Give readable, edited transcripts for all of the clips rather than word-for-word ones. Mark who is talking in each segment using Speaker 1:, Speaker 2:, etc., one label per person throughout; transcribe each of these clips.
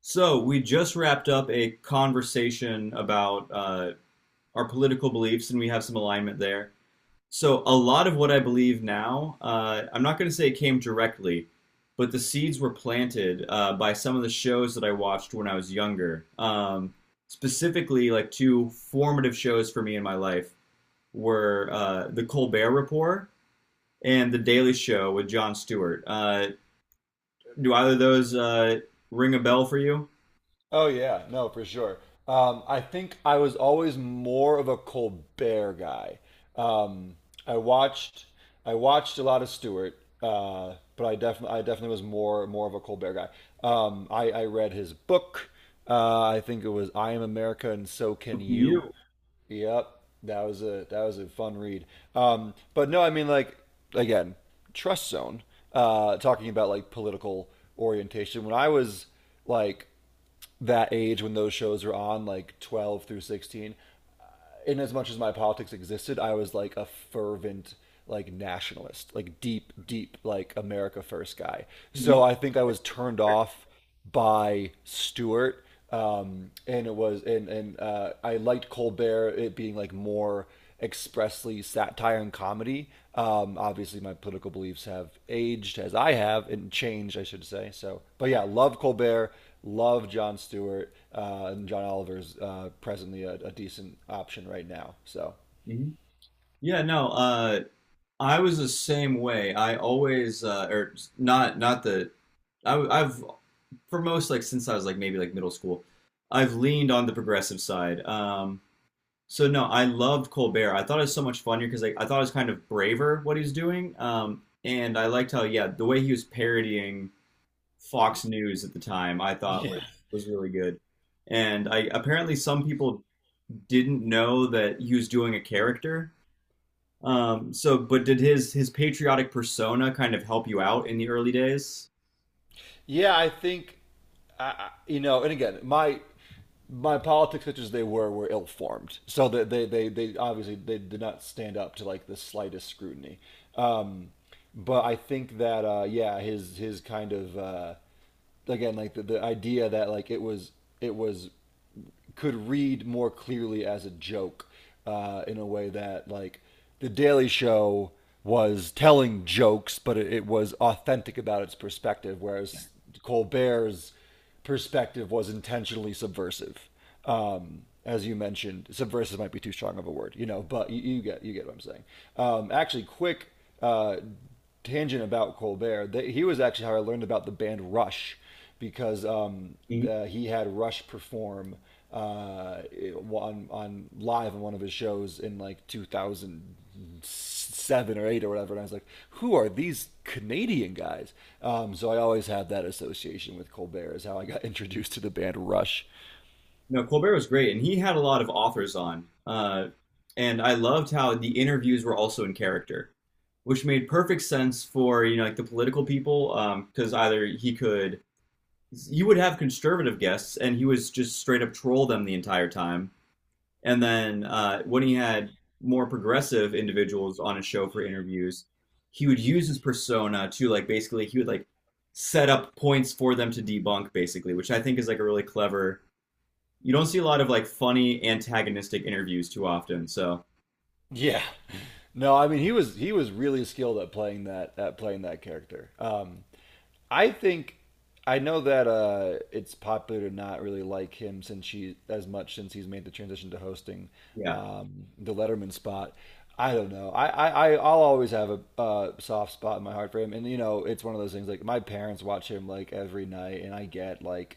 Speaker 1: So we just wrapped up a conversation about our political beliefs, and we have some alignment there. So a lot of what I believe now, I'm not going to say it came directly, but the seeds were planted by some of the shows that I watched when I was younger. Specifically, like two formative shows for me in my life were The Colbert Report and The Daily Show with Jon Stewart. Do either of those ring a bell for you?
Speaker 2: Oh yeah, no, for sure. I think I was always more of a Colbert guy. Um, I watched I watched a lot of Stewart, but I definitely was more of a Colbert guy. I read his book. I think it was I Am America and So Can
Speaker 1: You.
Speaker 2: You. Yep, that was a fun read. But no, I mean, like, again, Trust Zone. Talking about like political orientation. When I was like that age when those shows were on, like 12 through 16, in as much as my politics existed, I was like a fervent like nationalist, like deep, deep like America first guy. So
Speaker 1: You.
Speaker 2: I think I was turned off by Stewart. And it was and I liked Colbert it being like more expressly satire and comedy. Obviously, my political beliefs have aged as I have and changed, I should say. So, but yeah, love Colbert. Love John Stewart and John Oliver's presently a decent option right now. So
Speaker 1: hmm Yeah, no, I was the same way. I always, or not, I, I've, for most, like, since I was, like, maybe, like, middle school, I've leaned on the progressive side. So no, I loved Colbert. I thought it was so much funnier because like I thought it was kind of braver what he was doing. And I liked how yeah the way he was parodying Fox News at the time I thought
Speaker 2: yeah.
Speaker 1: was really good. And I apparently some people didn't know that he was doing a character. So but did his patriotic persona kind of help you out in the early days?
Speaker 2: Yeah, I think and again, my politics, such as they were ill formed. So that they obviously they did not stand up to like the slightest scrutiny. Um, but I think that yeah, his kind of again like the idea that like it was could read more clearly as a joke in a way that like the Daily Show was telling jokes, but it was authentic about its perspective, whereas Colbert's perspective was intentionally subversive. As you mentioned, subversive might be too strong of a word, you know, but you get what I'm saying. Actually, quick uh, tangent about Colbert, he was actually how I learned about the band Rush because
Speaker 1: Mhm.
Speaker 2: he had Rush perform uh, on live on one of his shows in like 2007 or eight or whatever, and I was like, who are these Canadian guys? So I always had that association with Colbert is how I got introduced to the band Rush.
Speaker 1: No, Colbert was great, and he had a lot of authors on. And I loved how the interviews were also in character, which made perfect sense for you know like the political people because either he could you would have conservative guests and he was just straight up troll them the entire time and then when he had more progressive individuals on his show for interviews he would use his persona to like basically he would like set up points for them to debunk basically, which I think is like a really clever. You don't see a lot of like funny antagonistic interviews too often so
Speaker 2: Yeah. No, I mean he was really skilled at playing that character. I think I know that it's popular to not really like him since he as much since he's made the transition to hosting
Speaker 1: yeah.
Speaker 2: the Letterman spot. I don't know. I'll always have a soft spot in my heart for him, and you know it's one of those things like my parents watch him like every night, and I get like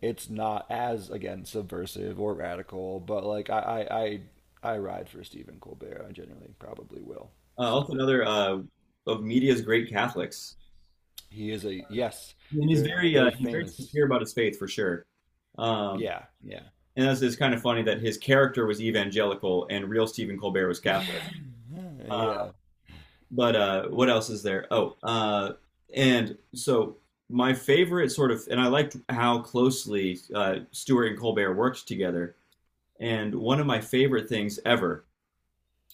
Speaker 2: it's not as again subversive or radical, but like I ride for Stephen Colbert. I genuinely probably will.
Speaker 1: Also
Speaker 2: So
Speaker 1: another of media's great Catholics.
Speaker 2: he is a, yes,
Speaker 1: And
Speaker 2: very, very
Speaker 1: he's very
Speaker 2: famous.
Speaker 1: sincere about his faith for sure. Um,
Speaker 2: Yeah, yeah,
Speaker 1: and that's it's kind of funny that his character was evangelical and real Stephen Colbert was Catholic.
Speaker 2: yeah,
Speaker 1: Uh,
Speaker 2: yeah.
Speaker 1: but what else is there? Oh, and so My favorite sort of, and I liked how closely Stewart and Colbert worked together. And one of my favorite things ever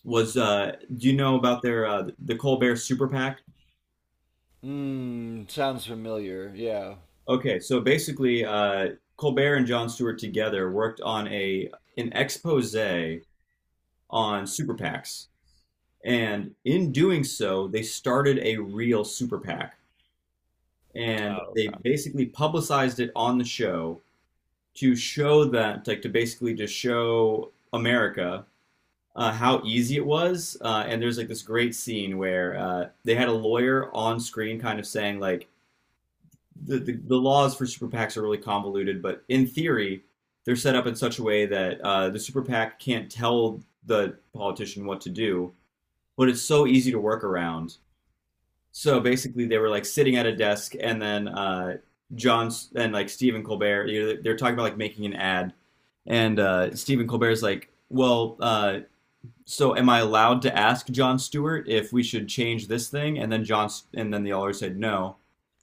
Speaker 1: was, do you know about their the Colbert Super PAC?
Speaker 2: Mm, sounds familiar. Yeah.
Speaker 1: Okay, so basically, Colbert and Jon Stewart together worked on a an expose on super PACs, and in doing so, they started a real super PAC, and
Speaker 2: Oh,
Speaker 1: they
Speaker 2: okay.
Speaker 1: basically publicized it on the show to show that, like, to basically just show America how easy it was. And there's like this great scene where they had a lawyer on screen, kind of saying like the laws for super PACs are really convoluted, but in theory, they're set up in such a way that the super PAC can't tell the politician what to do, but it's so easy to work around. So basically, they were like sitting at a desk, and then John and like Stephen Colbert, you know, they're talking about like making an ad, and Stephen Colbert's like, "Well, so am I allowed to ask John Stewart if we should change this thing?" And then John, and then the alder said no.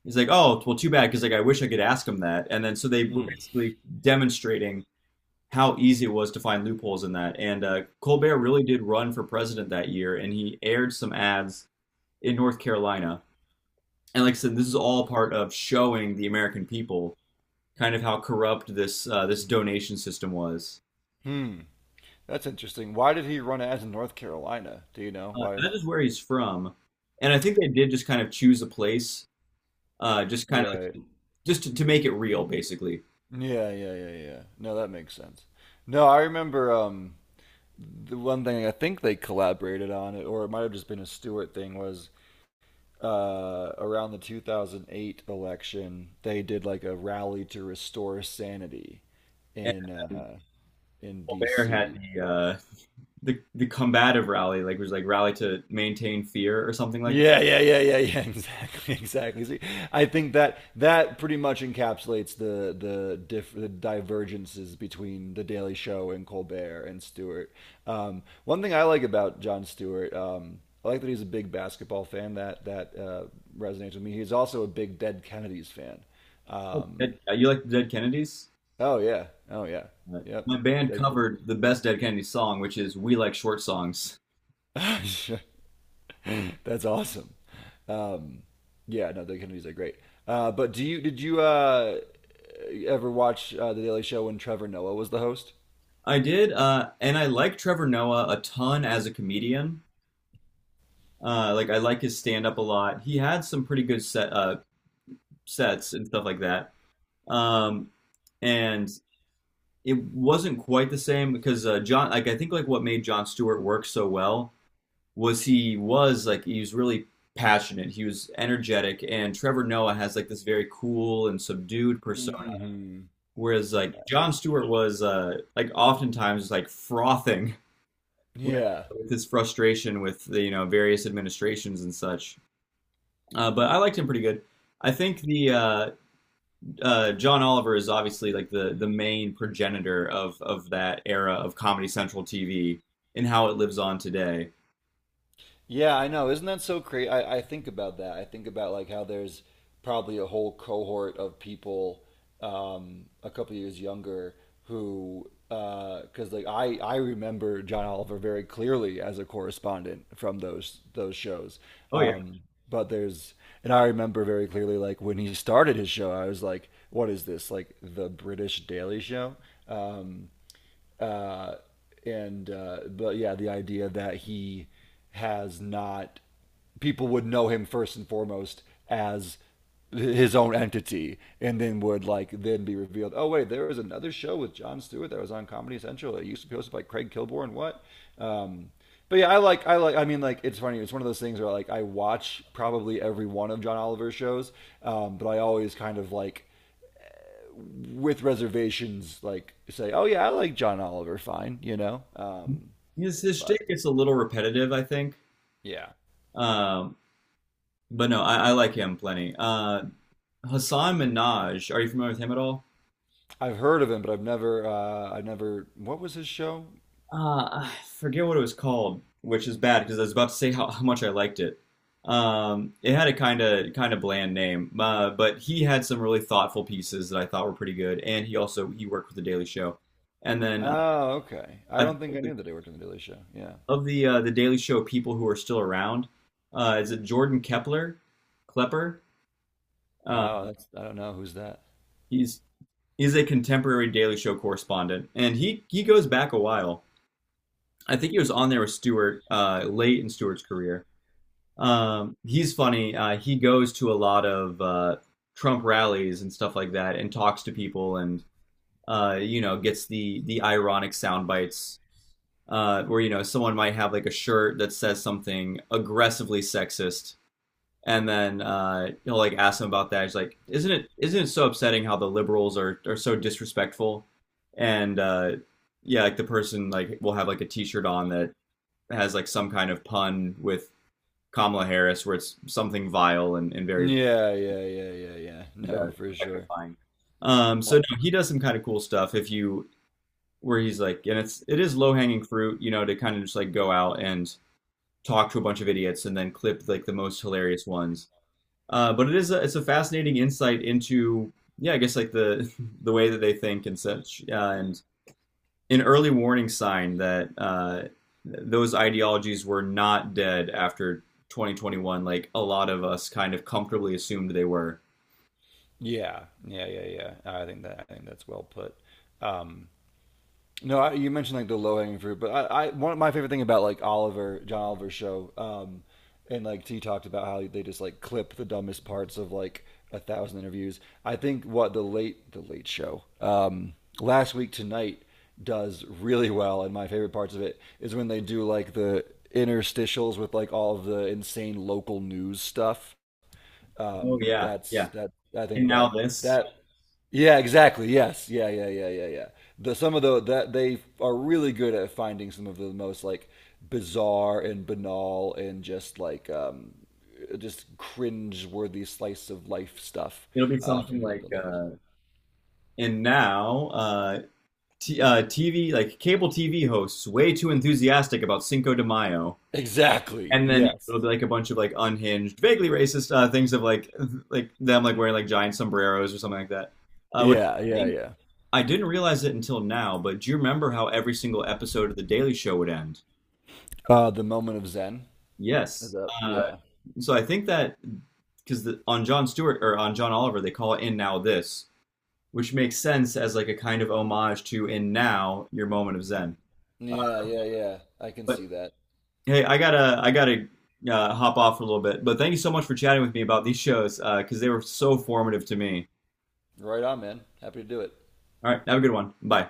Speaker 1: He's like, oh, well, too bad, because like I wish I could ask him that. And then so they were
Speaker 2: Mm.
Speaker 1: basically demonstrating how easy it was to find loopholes in that. And Colbert really did run for president that year, and he aired some ads in North Carolina. And like I said, this is all part of showing the American people kind of how corrupt this this donation system was.
Speaker 2: Hmm. That's interesting. Why did he run ads in North Carolina? Do you know why?
Speaker 1: That is where he's from, and I think they did just kind of choose a place just kind
Speaker 2: Right.
Speaker 1: of just to make it real, basically.
Speaker 2: Yeah, yeah, yeah, yeah. No, that makes sense. No, I remember. The one thing I think they collaborated on, or it might have just been a Stewart thing, was around the 2008 election, they did like a rally to restore sanity
Speaker 1: And
Speaker 2: in
Speaker 1: then
Speaker 2: uh, in
Speaker 1: Colbert had
Speaker 2: D.C.
Speaker 1: the uh, the combative rally, like it was like rally to maintain fear or something like that.
Speaker 2: Yeah, yeah, yeah, yeah, yeah. Exactly, exactly. See, I think that that pretty much encapsulates the divergences between the Daily Show and Colbert and Stewart. One thing I like about John Stewart, I like that he's a big basketball fan. That resonates with me. He's also a big Dead Kennedys fan.
Speaker 1: Oh,
Speaker 2: Um,
Speaker 1: You like the Dead Kennedys?
Speaker 2: oh yeah, oh yeah,
Speaker 1: Uh,
Speaker 2: yep.
Speaker 1: my band
Speaker 2: Dead
Speaker 1: covered the best Dead Kennedys song, which is "We Like Short Songs."
Speaker 2: Kennedys. That's awesome. Um, yeah, no, the Kennedys are great. But do you did you ever watch the Daily Show when Trevor Noah was the host?
Speaker 1: I did, and I like Trevor Noah a ton as a comedian. Like I like his stand up a lot. He had some pretty good sets and stuff like that. Um, and It wasn't quite the same because John, like I think, like what made John Stewart work so well was he was like he was really passionate, he was energetic, and Trevor Noah has like this very cool and subdued persona,
Speaker 2: Mm-hmm.
Speaker 1: whereas like
Speaker 2: Yeah.
Speaker 1: John Stewart was like oftentimes like frothing with,
Speaker 2: Yeah.
Speaker 1: with his frustration with the you know various administrations and such. But I liked him pretty good. I think the John Oliver is obviously like the main progenitor of that era of Comedy Central TV and how it lives on today.
Speaker 2: Yeah, I know. Isn't that so crazy? I think about that. I think about like how there's probably a whole cohort of people a couple years younger who, because like I remember John Oliver very clearly as a correspondent from those shows.
Speaker 1: Oh yeah,
Speaker 2: Um, but there's, and I remember very clearly like when he started his show, I was like, what is this? Like the British Daily Show? Um, uh, and But yeah, the idea that he has not people would know him first and foremost as his own entity and then would like then be revealed, oh wait, there was another show with John Stewart that was on Comedy Central that used to be hosted by Craig Kilborn and what. um but yeah, I like, I mean, like, it's funny, it's one of those things where like I watch probably every one of John Oliver's shows. But I always kind of like with reservations, like say, oh yeah, I like John Oliver, fine.
Speaker 1: his
Speaker 2: But
Speaker 1: shtick gets a little repetitive, I think.
Speaker 2: yeah,
Speaker 1: Um, but no, I like him plenty. Hassan Minaj, are you familiar with him at all?
Speaker 2: I've heard of him, but I never. What was his show?
Speaker 1: I forget what it was called, which is bad because I was about to say how much I liked it. It had a kind of bland name, but he had some really thoughtful pieces that I thought were pretty good, and he worked with the Daily Show. And then
Speaker 2: Oh, okay. I
Speaker 1: I
Speaker 2: don't think I
Speaker 1: think
Speaker 2: knew that he worked on the Daily Show. Yeah.
Speaker 1: of the Daily Show people who are still around, is it Klepper? Uh,
Speaker 2: Oh, that's I don't know who's that.
Speaker 1: he's a contemporary Daily Show correspondent, and he goes back a while. I think he was on there with Stewart late in Stewart's career. He's funny. He goes to a lot of Trump rallies and stuff like that, and talks to people, and you know, gets the ironic sound bites where you know someone might have like a shirt that says something aggressively sexist, and then he'll like ask them about that. He's like, "Isn't it so upsetting how the liberals are so disrespectful?" And yeah, like the person like will have like a T-shirt on that has like some kind of pun with Kamala Harris, where it's something vile and very
Speaker 2: Yeah, yeah, yeah, yeah, yeah.
Speaker 1: and,
Speaker 2: No, for sure.
Speaker 1: objectifying. Um,
Speaker 2: Uh,
Speaker 1: so no, he does some kind of cool stuff if you where he's like, and it's it is low hanging fruit, you know, to kind of just like go out and talk to a bunch of idiots and then clip like the most hilarious ones. But it is a, it's a fascinating insight into yeah, I guess like the the way that they think and such, and an early warning sign that those ideologies were not dead after 2021, like a lot of us kind of comfortably assumed they were.
Speaker 2: yeah, yeah, yeah, yeah. I think that's well put. Um, No, you mentioned like the low hanging fruit, but I one of my favorite thing about like Oliver John Oliver's show, and like T talked about how they just like clip the dumbest parts of like a thousand interviews. I think what the late show last week tonight does really well, and my favorite parts of it is when they do like the interstitials with like all of the insane local news stuff,
Speaker 1: Oh yeah,
Speaker 2: that's
Speaker 1: yeah.
Speaker 2: that. I
Speaker 1: And
Speaker 2: think
Speaker 1: now
Speaker 2: that
Speaker 1: this,
Speaker 2: that. Yeah, exactly. Yes. Yeah. Yeah. Yeah. Yeah. Yeah. The some of the that They are really good at finding some of the most like bizarre and banal and just like just cringe-worthy slice of life stuff
Speaker 1: it'll be something
Speaker 2: from
Speaker 1: like,
Speaker 2: local news.
Speaker 1: and now uh, TV, like cable TV hosts, way too enthusiastic about Cinco de Mayo.
Speaker 2: Exactly.
Speaker 1: And then
Speaker 2: Yes.
Speaker 1: it'll be like a bunch of like unhinged, vaguely racist things of like them like wearing like giant sombreros or something like that. Which
Speaker 2: Yeah.
Speaker 1: I
Speaker 2: Yeah.
Speaker 1: think
Speaker 2: Yeah.
Speaker 1: I didn't realize it until now, but do you remember how every single episode of The Daily Show would end?
Speaker 2: The moment of Zen is
Speaker 1: Yes.
Speaker 2: up.
Speaker 1: Uh,
Speaker 2: Yeah.
Speaker 1: so I think that because on John Stewart or on John Oliver, they call it "In Now This," which makes sense as like a kind of homage to "In Now Your Moment of Zen." Uh,
Speaker 2: Yeah. Yeah. Yeah. I can
Speaker 1: but
Speaker 2: see that.
Speaker 1: hey, I gotta hop off for a little bit. But thank you so much for chatting with me about these shows because they were so formative to me.
Speaker 2: Right on, man. Happy to do it.
Speaker 1: All right, have a good one. Bye.